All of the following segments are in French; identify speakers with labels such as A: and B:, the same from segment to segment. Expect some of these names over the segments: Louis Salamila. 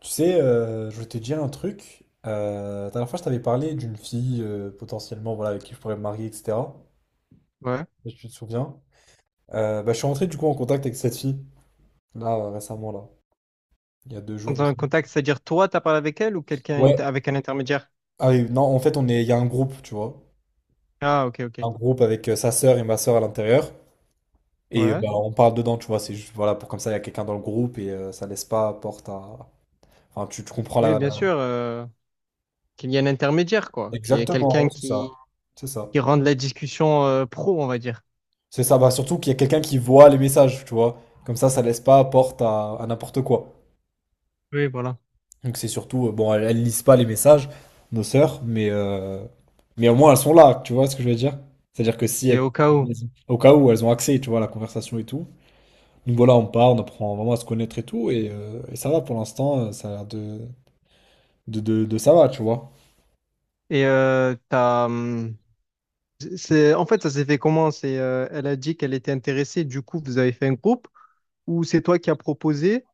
A: Tu sais, je voulais te dire un truc. La dernière fois, je t'avais parlé d'une fille potentiellement voilà, avec qui je pourrais me marier, etc.
B: Ouais.
A: Si tu te souviens. Bah, je suis rentré du coup en contact avec cette fille, là, récemment, là. Il y a 2 jours
B: Dans
A: de
B: un
A: ça.
B: contact, c'est-à-dire toi, t'as parlé avec elle ou quelqu'un
A: Ouais,
B: avec un intermédiaire?
A: ah oui, non, en fait, on est, il y a un groupe, tu vois.
B: Ah, ok, ok.
A: Un groupe avec sa sœur et ma sœur à l'intérieur. Et
B: Ouais.
A: bah, on parle dedans, tu vois. C'est juste, voilà, pour comme ça, il y a quelqu'un dans le groupe et ça laisse pas porte à. Enfin, tu comprends
B: Oui,
A: la.
B: bien
A: la-
B: sûr, qu'il y ait un intermédiaire, quoi. Qu'il y ait
A: Exactement,
B: quelqu'un
A: ouais, c'est ça. C'est ça.
B: qui rende la discussion pro, on va dire.
A: C'est ça, bah surtout qu'il y a quelqu'un qui voit les messages, tu vois. Comme ça laisse pas porte à n'importe quoi.
B: Oui, voilà.
A: Donc c'est surtout, bon, elles lisent pas les messages, nos sœurs, mais au moins elles sont là, tu vois ce que je veux dire? C'est-à-dire que si,
B: C'est au cas où.
A: au cas où, elles ont accès, tu vois, à la conversation et tout. Donc voilà, on part, on apprend vraiment à se connaître et tout, et ça va pour l'instant, ça a l'air de ça va, tu vois.
B: Et en fait, ça s'est fait comment? C'est, elle a dit qu'elle était intéressée, du coup, vous avez fait un groupe, ou c'est toi qui as proposé,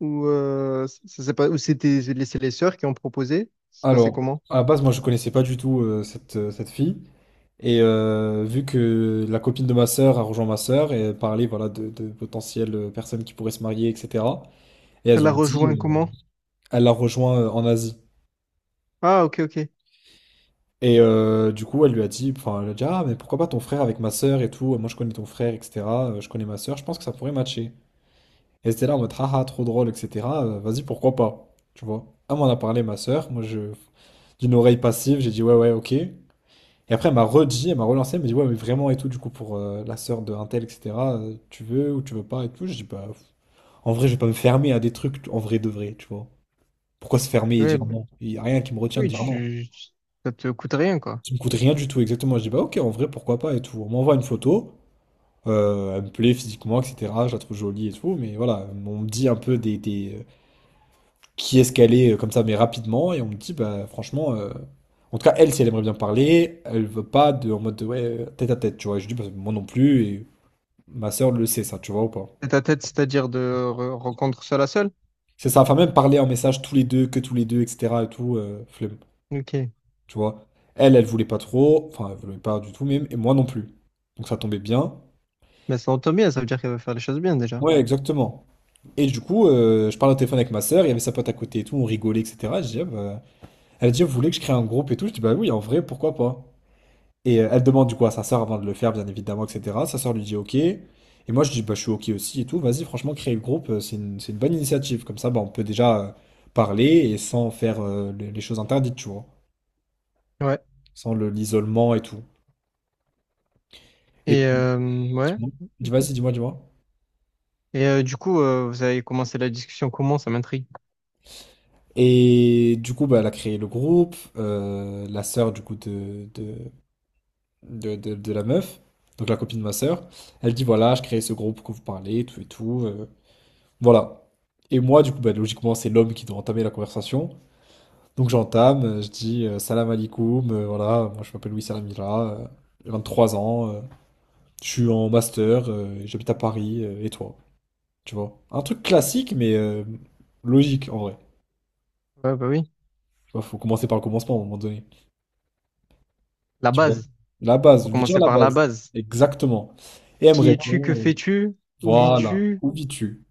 B: ou ça s'est pas, ou c'était les, c'est les sœurs qui ont proposé? Ça s'est passé
A: Alors,
B: comment?
A: à la base, moi je connaissais pas du tout cette fille. Et vu que la copine de ma sœur a rejoint ma sœur et parlé voilà, de potentielles personnes qui pourraient se marier, etc. Et elles
B: Elle a
A: ont dit,
B: rejoint comment?
A: elle l'a rejoint en Asie.
B: Ah, ok, ok.
A: Et du coup, elle lui a dit, enfin, elle a dit, ah, mais pourquoi pas ton frère avec ma sœur et tout, moi je connais ton frère, etc. Je connais ma sœur, je pense que ça pourrait matcher. Et c'était là en mode, ah, ah, trop drôle, etc. Vas-y, pourquoi pas, tu vois. Elle m'en a parlé, ma sœur, moi je, d'une oreille passive, j'ai dit, ouais, ouais, ok. Et après, elle m'a redit, elle m'a relancé, elle m'a dit, ouais, mais vraiment et tout, du coup, pour la sœur de un tel, etc., tu veux ou tu veux pas et tout. Je dis, bah, en vrai, je vais pas me fermer à des trucs en vrai de vrai, tu vois. Pourquoi se fermer et
B: Oui,
A: dire non? Il y a rien qui me retient de
B: Oui,
A: dire non.
B: tu, ça te coûte rien, quoi.
A: Ça me coûte rien du tout, exactement. Je dis, bah, ok, en vrai, pourquoi pas et tout. On m'envoie une photo, elle me plaît physiquement, etc., je la trouve jolie et tout, mais voilà, on me dit un peu qui est-ce qu'elle est, comme ça, mais rapidement, et on me dit, bah, franchement, en tout cas, elle, si elle aimerait bien parler, elle veut pas de, en mode de, ouais, tête à tête, tu vois. Et je dis, bah, moi non plus, et ma sœur le sait, ça, tu vois ou pas?
B: Tête à tête, c'est-à-dire de rencontre seul à seul.
A: C'est ça, enfin même parler en message tous les deux, que tous les deux, etc. et tout, flemme,
B: Ok.
A: tu vois. Elle voulait pas trop, enfin elle voulait pas du tout même, et moi non plus. Donc ça tombait bien.
B: Mais ça entend bien, ça veut dire qu'elle va faire les choses bien déjà.
A: Ouais, exactement. Et du coup, je parle au téléphone avec ma sœur, il y avait sa pote à côté et tout, on rigolait, etc. Je dis, ah bah, elle dit, vous voulez que je crée un groupe et tout? Je dis, bah oui, en vrai, pourquoi pas? Et elle demande du coup à sa sœur avant de le faire, bien évidemment, etc. Sa sœur lui dit OK. Et moi, je dis, bah, je suis OK aussi et tout. Vas-y, franchement, créer le groupe, c'est une bonne initiative. Comme ça, bah, on peut déjà parler et sans faire les choses interdites, tu vois.
B: Ouais.
A: Sans l'isolement et tout. Et
B: Et
A: puis,
B: ouais.
A: dis-moi, vas-y, dis-moi, dis-moi.
B: Et du coup, vous avez commencé la discussion comment? Ça m'intrigue.
A: Et du coup, bah, elle a créé le groupe. La sœur, du coup, de la meuf, donc la copine de ma sœur, elle dit, voilà, je crée ce groupe pour que vous parlez, tout et tout. Voilà. Et moi, du coup, bah, logiquement, c'est l'homme qui doit entamer la conversation. Donc j'entame, je dis salam alaikum, voilà, moi je m'appelle Louis Salamila, j'ai 23 ans, je suis en master, j'habite à Paris, et toi? Tu vois? Un truc classique, mais logique en vrai.
B: Ouais, bah oui.
A: Tu vois, faut commencer par le commencement à un moment donné.
B: La
A: Tu vois?
B: base.
A: La base,
B: Faut
A: je veux dire
B: commencer
A: la
B: par la
A: base.
B: base.
A: Exactement. Et elle me
B: Qui es-tu? Que
A: répond,
B: fais-tu? Où
A: voilà,
B: vis-tu?
A: où vis-tu?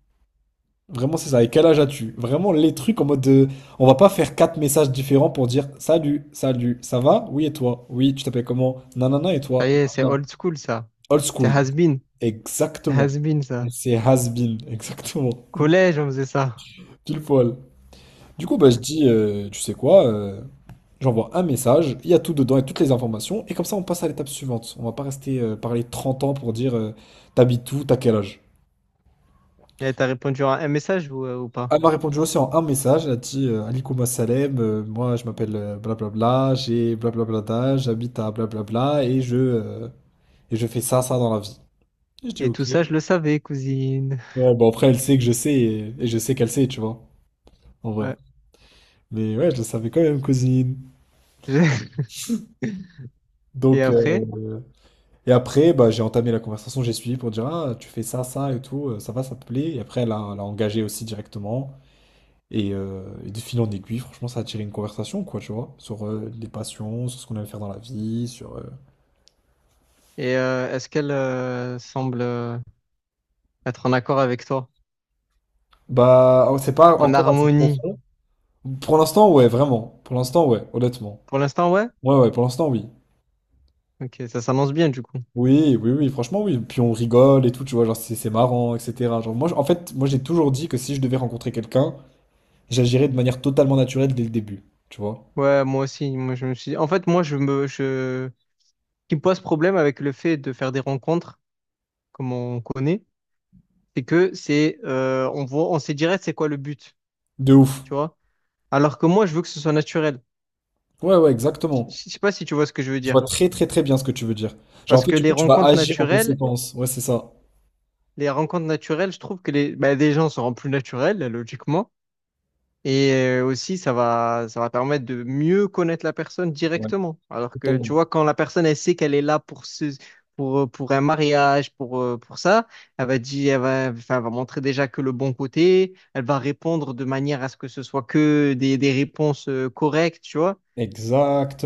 A: Vraiment, c'est ça. Et quel âge as-tu? Vraiment, les trucs en mode de. On va pas faire quatre messages différents pour dire salut, salut, ça va? Oui, et toi? Oui, tu t'appelles comment? Nanana, et
B: Ça y
A: toi?
B: est, c'est
A: Nanana.
B: old school, ça.
A: Old
B: C'est
A: school.
B: has-been. C'est
A: Exactement.
B: has-been, ça.
A: C'est has-been. Exactement.
B: Collège, on faisait ça.
A: Pile poil. Du coup, bah, je dis, tu sais quoi? J'envoie un message, il y a tout dedans et toutes les informations. Et comme ça, on passe à l'étape suivante. On va pas rester parler 30 ans pour dire t'habites où, t'as quel âge?
B: Et t'as répondu à un message ou pas?
A: Elle m'a répondu aussi en un message, elle a dit Alikouma Salem, moi je m'appelle blablabla, j'ai blablabla d'âge, j'habite à blablabla et je fais ça, ça dans la vie. Et je dis
B: Et
A: ok.
B: tout ça, je le savais, cousine.
A: Ouais, bon après elle sait que je sais et je sais qu'elle sait, tu vois, en vrai.
B: Ouais.
A: Mais ouais, je le savais quand même, cousine.
B: Et
A: Donc,
B: après?
A: euh, et après, bah, j'ai entamé la conversation, j'ai suivi pour dire ah, tu fais ça, ça et tout, ça va, ça te plaît. Et après, elle a engagé aussi directement. Et de fil en aiguille, franchement, ça a attiré une conversation, quoi, tu vois, sur les passions, sur ce qu'on aime faire dans la vie.
B: Et est-ce qu'elle semble être en accord avec toi?
A: Bah, oh, c'est pas
B: En
A: encore assez
B: harmonie?
A: profond. Pour l'instant, ouais, vraiment. Pour l'instant, ouais, honnêtement.
B: Pour l'instant, ouais?
A: Ouais, ouais, pour l'instant, oui.
B: Ok, ça s'annonce bien du coup.
A: Oui, oui, oui, franchement, oui. Puis on rigole et tout, tu vois, genre, c'est marrant, etc. Genre, moi, en fait, moi, j'ai toujours dit que si je devais rencontrer quelqu'un, j'agirais de manière totalement naturelle dès le début, tu vois.
B: Ouais, moi aussi. Moi, je me suis... En fait, moi, je me... Je... Ce qui me pose problème avec le fait de faire des rencontres, comme on connaît, c'est que c'est... on voit... on sait direct c'est quoi le but,
A: De ouf.
B: tu vois? Alors que moi, je veux que ce soit naturel.
A: Ouais, ouais,
B: Je
A: exactement.
B: je- sais pas si tu vois ce que je veux
A: Je
B: dire.
A: vois très, très, très bien ce que tu veux dire. Genre, en
B: Parce
A: fait,
B: que
A: du coup, tu vas agir en conséquence. Ouais, c'est ça.
B: les rencontres naturelles, je trouve que les, bah, des gens seront plus naturels, logiquement. Et aussi, ça va permettre de mieux connaître la personne
A: Ouais,
B: directement. Alors que, tu
A: totalement.
B: vois, quand la personne, elle sait qu'elle est là pour pour un mariage, pour ça, elle va dire, elle va, enfin, elle va montrer déjà que le bon côté, elle va répondre de manière à ce que ce soit que des réponses correctes, tu vois.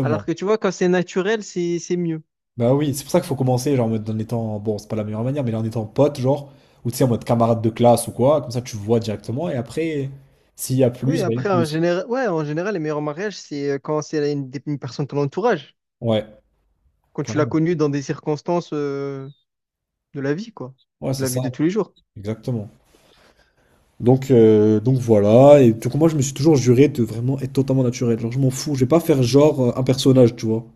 B: Alors que, tu vois, quand c'est naturel, c'est mieux.
A: Bah oui, c'est pour ça qu'il faut commencer, genre, en mode en étant, bon, c'est pas la meilleure manière, mais en étant pote, genre, ou tu sais, en mode camarade de classe ou quoi, comme ça tu vois directement, et après, s'il y a
B: Oui,
A: plus, bah il y a
B: après, en
A: plus.
B: général, ouais, en général, les meilleurs mariages, c'est quand c'est une personne de ton entourage,
A: Ouais,
B: quand tu l'as
A: clairement.
B: connue dans des circonstances, de la vie, quoi,
A: Ouais,
B: de
A: c'est
B: la
A: ça,
B: vie de tous les jours.
A: exactement. Donc, voilà, et donc moi je me suis toujours juré de vraiment être totalement naturel, genre je m'en fous, je vais pas faire genre un personnage, tu vois.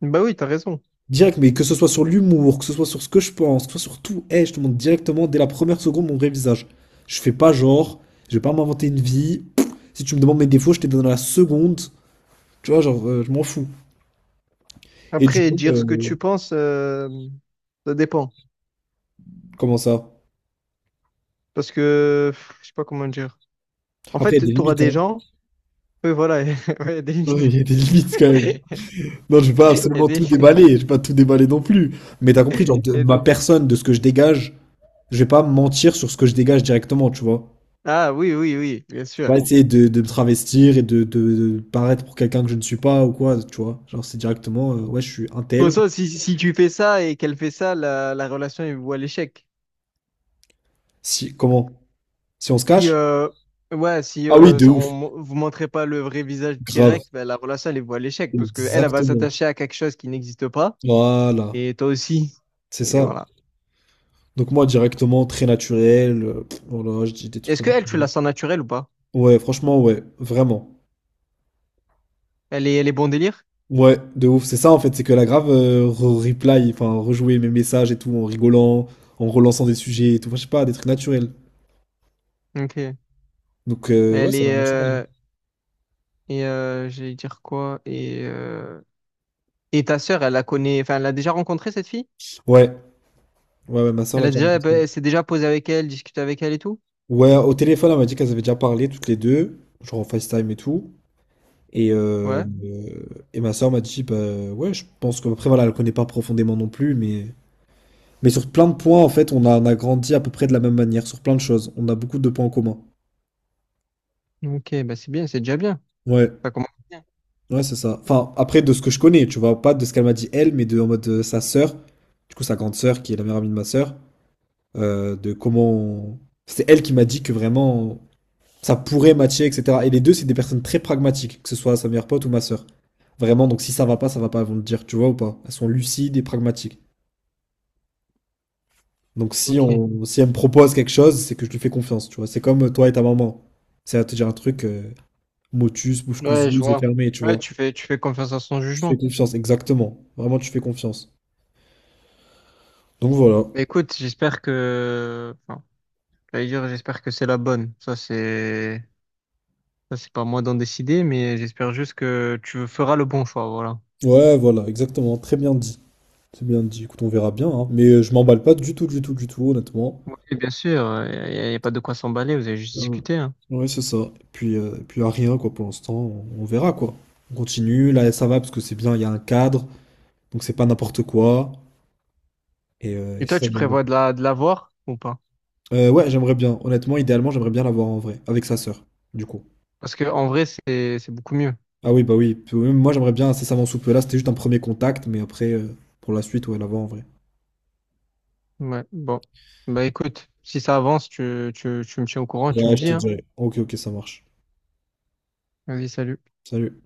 B: Bah oui, t'as raison.
A: Direct, mais que ce soit sur l'humour, que ce soit sur ce que je pense, que ce soit sur tout, hey, je te montre directement dès la première seconde mon vrai visage. Je fais pas genre, je vais pas m'inventer une vie. Si tu me demandes mes défauts, je te donne la seconde. Tu vois, genre, je m'en fous. Et du
B: Après,
A: coup,
B: dire ce que tu penses, ça dépend.
A: comment ça?
B: Parce que, pff, je sais pas comment dire. En
A: Après, il y a des
B: fait, t'auras
A: limites,
B: des
A: hein.
B: gens. Oui, voilà. ouais, Il y a des
A: Non,
B: limites.
A: il y a des limites quand même.
B: Il
A: Non, je vais pas
B: y a
A: absolument tout
B: des...
A: déballer, je vais pas tout déballer non plus. Mais t'as compris, genre,
B: il
A: de
B: y a-
A: ma personne, de ce que je dégage, je vais pas mentir sur ce que je dégage directement, tu vois.
B: Ah oui, oui, oui, bien sûr.
A: Pas essayer de me travestir et de paraître pour quelqu'un que je ne suis pas ou quoi, tu vois. Genre, c'est directement, ouais, je suis un
B: Pour
A: tel.
B: ça, si, si tu fais ça et qu'elle fait ça, la relation, elle voit l'échec.
A: Si, comment? Si on se
B: Si,
A: cache?
B: ouais, si
A: Ah oui, de ouf,
B: vous montrez pas le vrai visage
A: grave.
B: direct, ben, la relation, elle voit l'échec. Parce que elle va
A: Exactement.
B: s'attacher à quelque chose qui n'existe pas.
A: Voilà,
B: Et toi aussi.
A: c'est
B: Et
A: ça.
B: voilà.
A: Donc moi, directement, très naturel. Voilà, je dis des trucs
B: Est-ce que
A: comme ça.
B: elle, tu la sens naturelle ou pas?
A: Ouais, franchement, ouais, vraiment.
B: Elle est bon délire?
A: Ouais, de ouf. C'est ça, en fait, c'est que la grave reply, enfin, rejouer mes messages et tout, en rigolant, en relançant des sujets et tout. Enfin, je sais pas, des trucs naturels.
B: Ok.
A: Donc, ouais,
B: Elle
A: ça a
B: est,
A: l'air naturel.
B: et j'allais dire quoi? Et ta sœur, elle la connaît, enfin, elle l'a déjà rencontrée, cette fille?
A: ouais, Ouais, ouais, ma soeur
B: Elle
A: l'a
B: a
A: déjà
B: déjà, bah,
A: rencontré.
B: elle s'est déjà posée avec elle, discutée avec elle et tout?
A: Ouais, au téléphone, elle m'a dit qu'elles avaient déjà parlé toutes les deux, genre en FaceTime et tout. Et, euh,
B: Ouais.
A: euh, et ma soeur m'a dit, bah ouais, je pense que, après, voilà, elle connaît pas profondément non plus, mais sur plein de points, en fait, on a grandi à peu près de la même manière, sur plein de choses. On a beaucoup de points en commun.
B: Ok, bah c'est bien, c'est déjà bien.
A: Ouais,
B: Ça commence bien.
A: ouais, c'est ça. Enfin, après, de ce que je connais, tu vois, pas de ce qu'elle m'a dit elle, mais de en mode sa sœur, du coup, sa grande sœur, qui est la meilleure amie de ma sœur, de comment. C'était elle qui m'a dit que vraiment ça pourrait matcher, etc. Et les deux, c'est des personnes très pragmatiques, que ce soit sa meilleure pote ou ma sœur. Vraiment, donc si ça va pas, ça va pas, elles vont le dire, tu vois ou pas. Elles sont lucides et pragmatiques. Donc
B: Ok.
A: si elle me propose quelque chose, c'est que je lui fais confiance, tu vois. C'est comme toi et ta maman. C'est à te dire un truc, motus, bouche
B: Ouais,
A: cousue,
B: je
A: yeux
B: vois.
A: fermés, tu
B: Ouais,
A: vois.
B: tu fais confiance à son
A: Tu fais
B: jugement.
A: confiance, exactement. Vraiment, tu fais confiance. Donc voilà.
B: Bah écoute, j'espère que, enfin, j'allais dire, j'espère que c'est la bonne. Ça, c'est pas à moi d'en décider, mais j'espère juste que tu feras le bon choix, voilà.
A: Ouais, voilà, exactement. Très bien dit. C'est bien dit. Écoute, on verra bien, hein. Mais je m'emballe pas du tout, du tout, du tout, honnêtement.
B: Et bien sûr, y a pas de quoi s'emballer, vous avez juste
A: Ouais,
B: discuté. Hein.
A: ouais, c'est ça. Puis, là, rien, quoi, pour l'instant, on verra, quoi. On continue, là, ça va, parce que c'est bien, il y a un cadre, donc c'est pas n'importe quoi. Et
B: Et
A: c'est
B: toi,
A: ça
B: tu
A: que j'aime bien.
B: prévois de de la voir ou pas?
A: Ouais, j'aimerais bien. Honnêtement, idéalement, j'aimerais bien l'avoir en vrai, avec sa sœur, du coup.
B: Parce que en vrai, c'est beaucoup mieux.
A: Ah oui, bah oui. Puis, oui, moi, j'aimerais bien incessamment sous peu. Là, c'était juste un premier contact, mais après, pour la suite, ouais, l'avoir en vrai.
B: Ouais, bon. Bah écoute, si ça avance, tu me tiens au courant, tu me
A: Ouais, je
B: dis,
A: te
B: hein.
A: dirai. Ok, ok, ça marche.
B: Vas-y, salut.
A: Salut.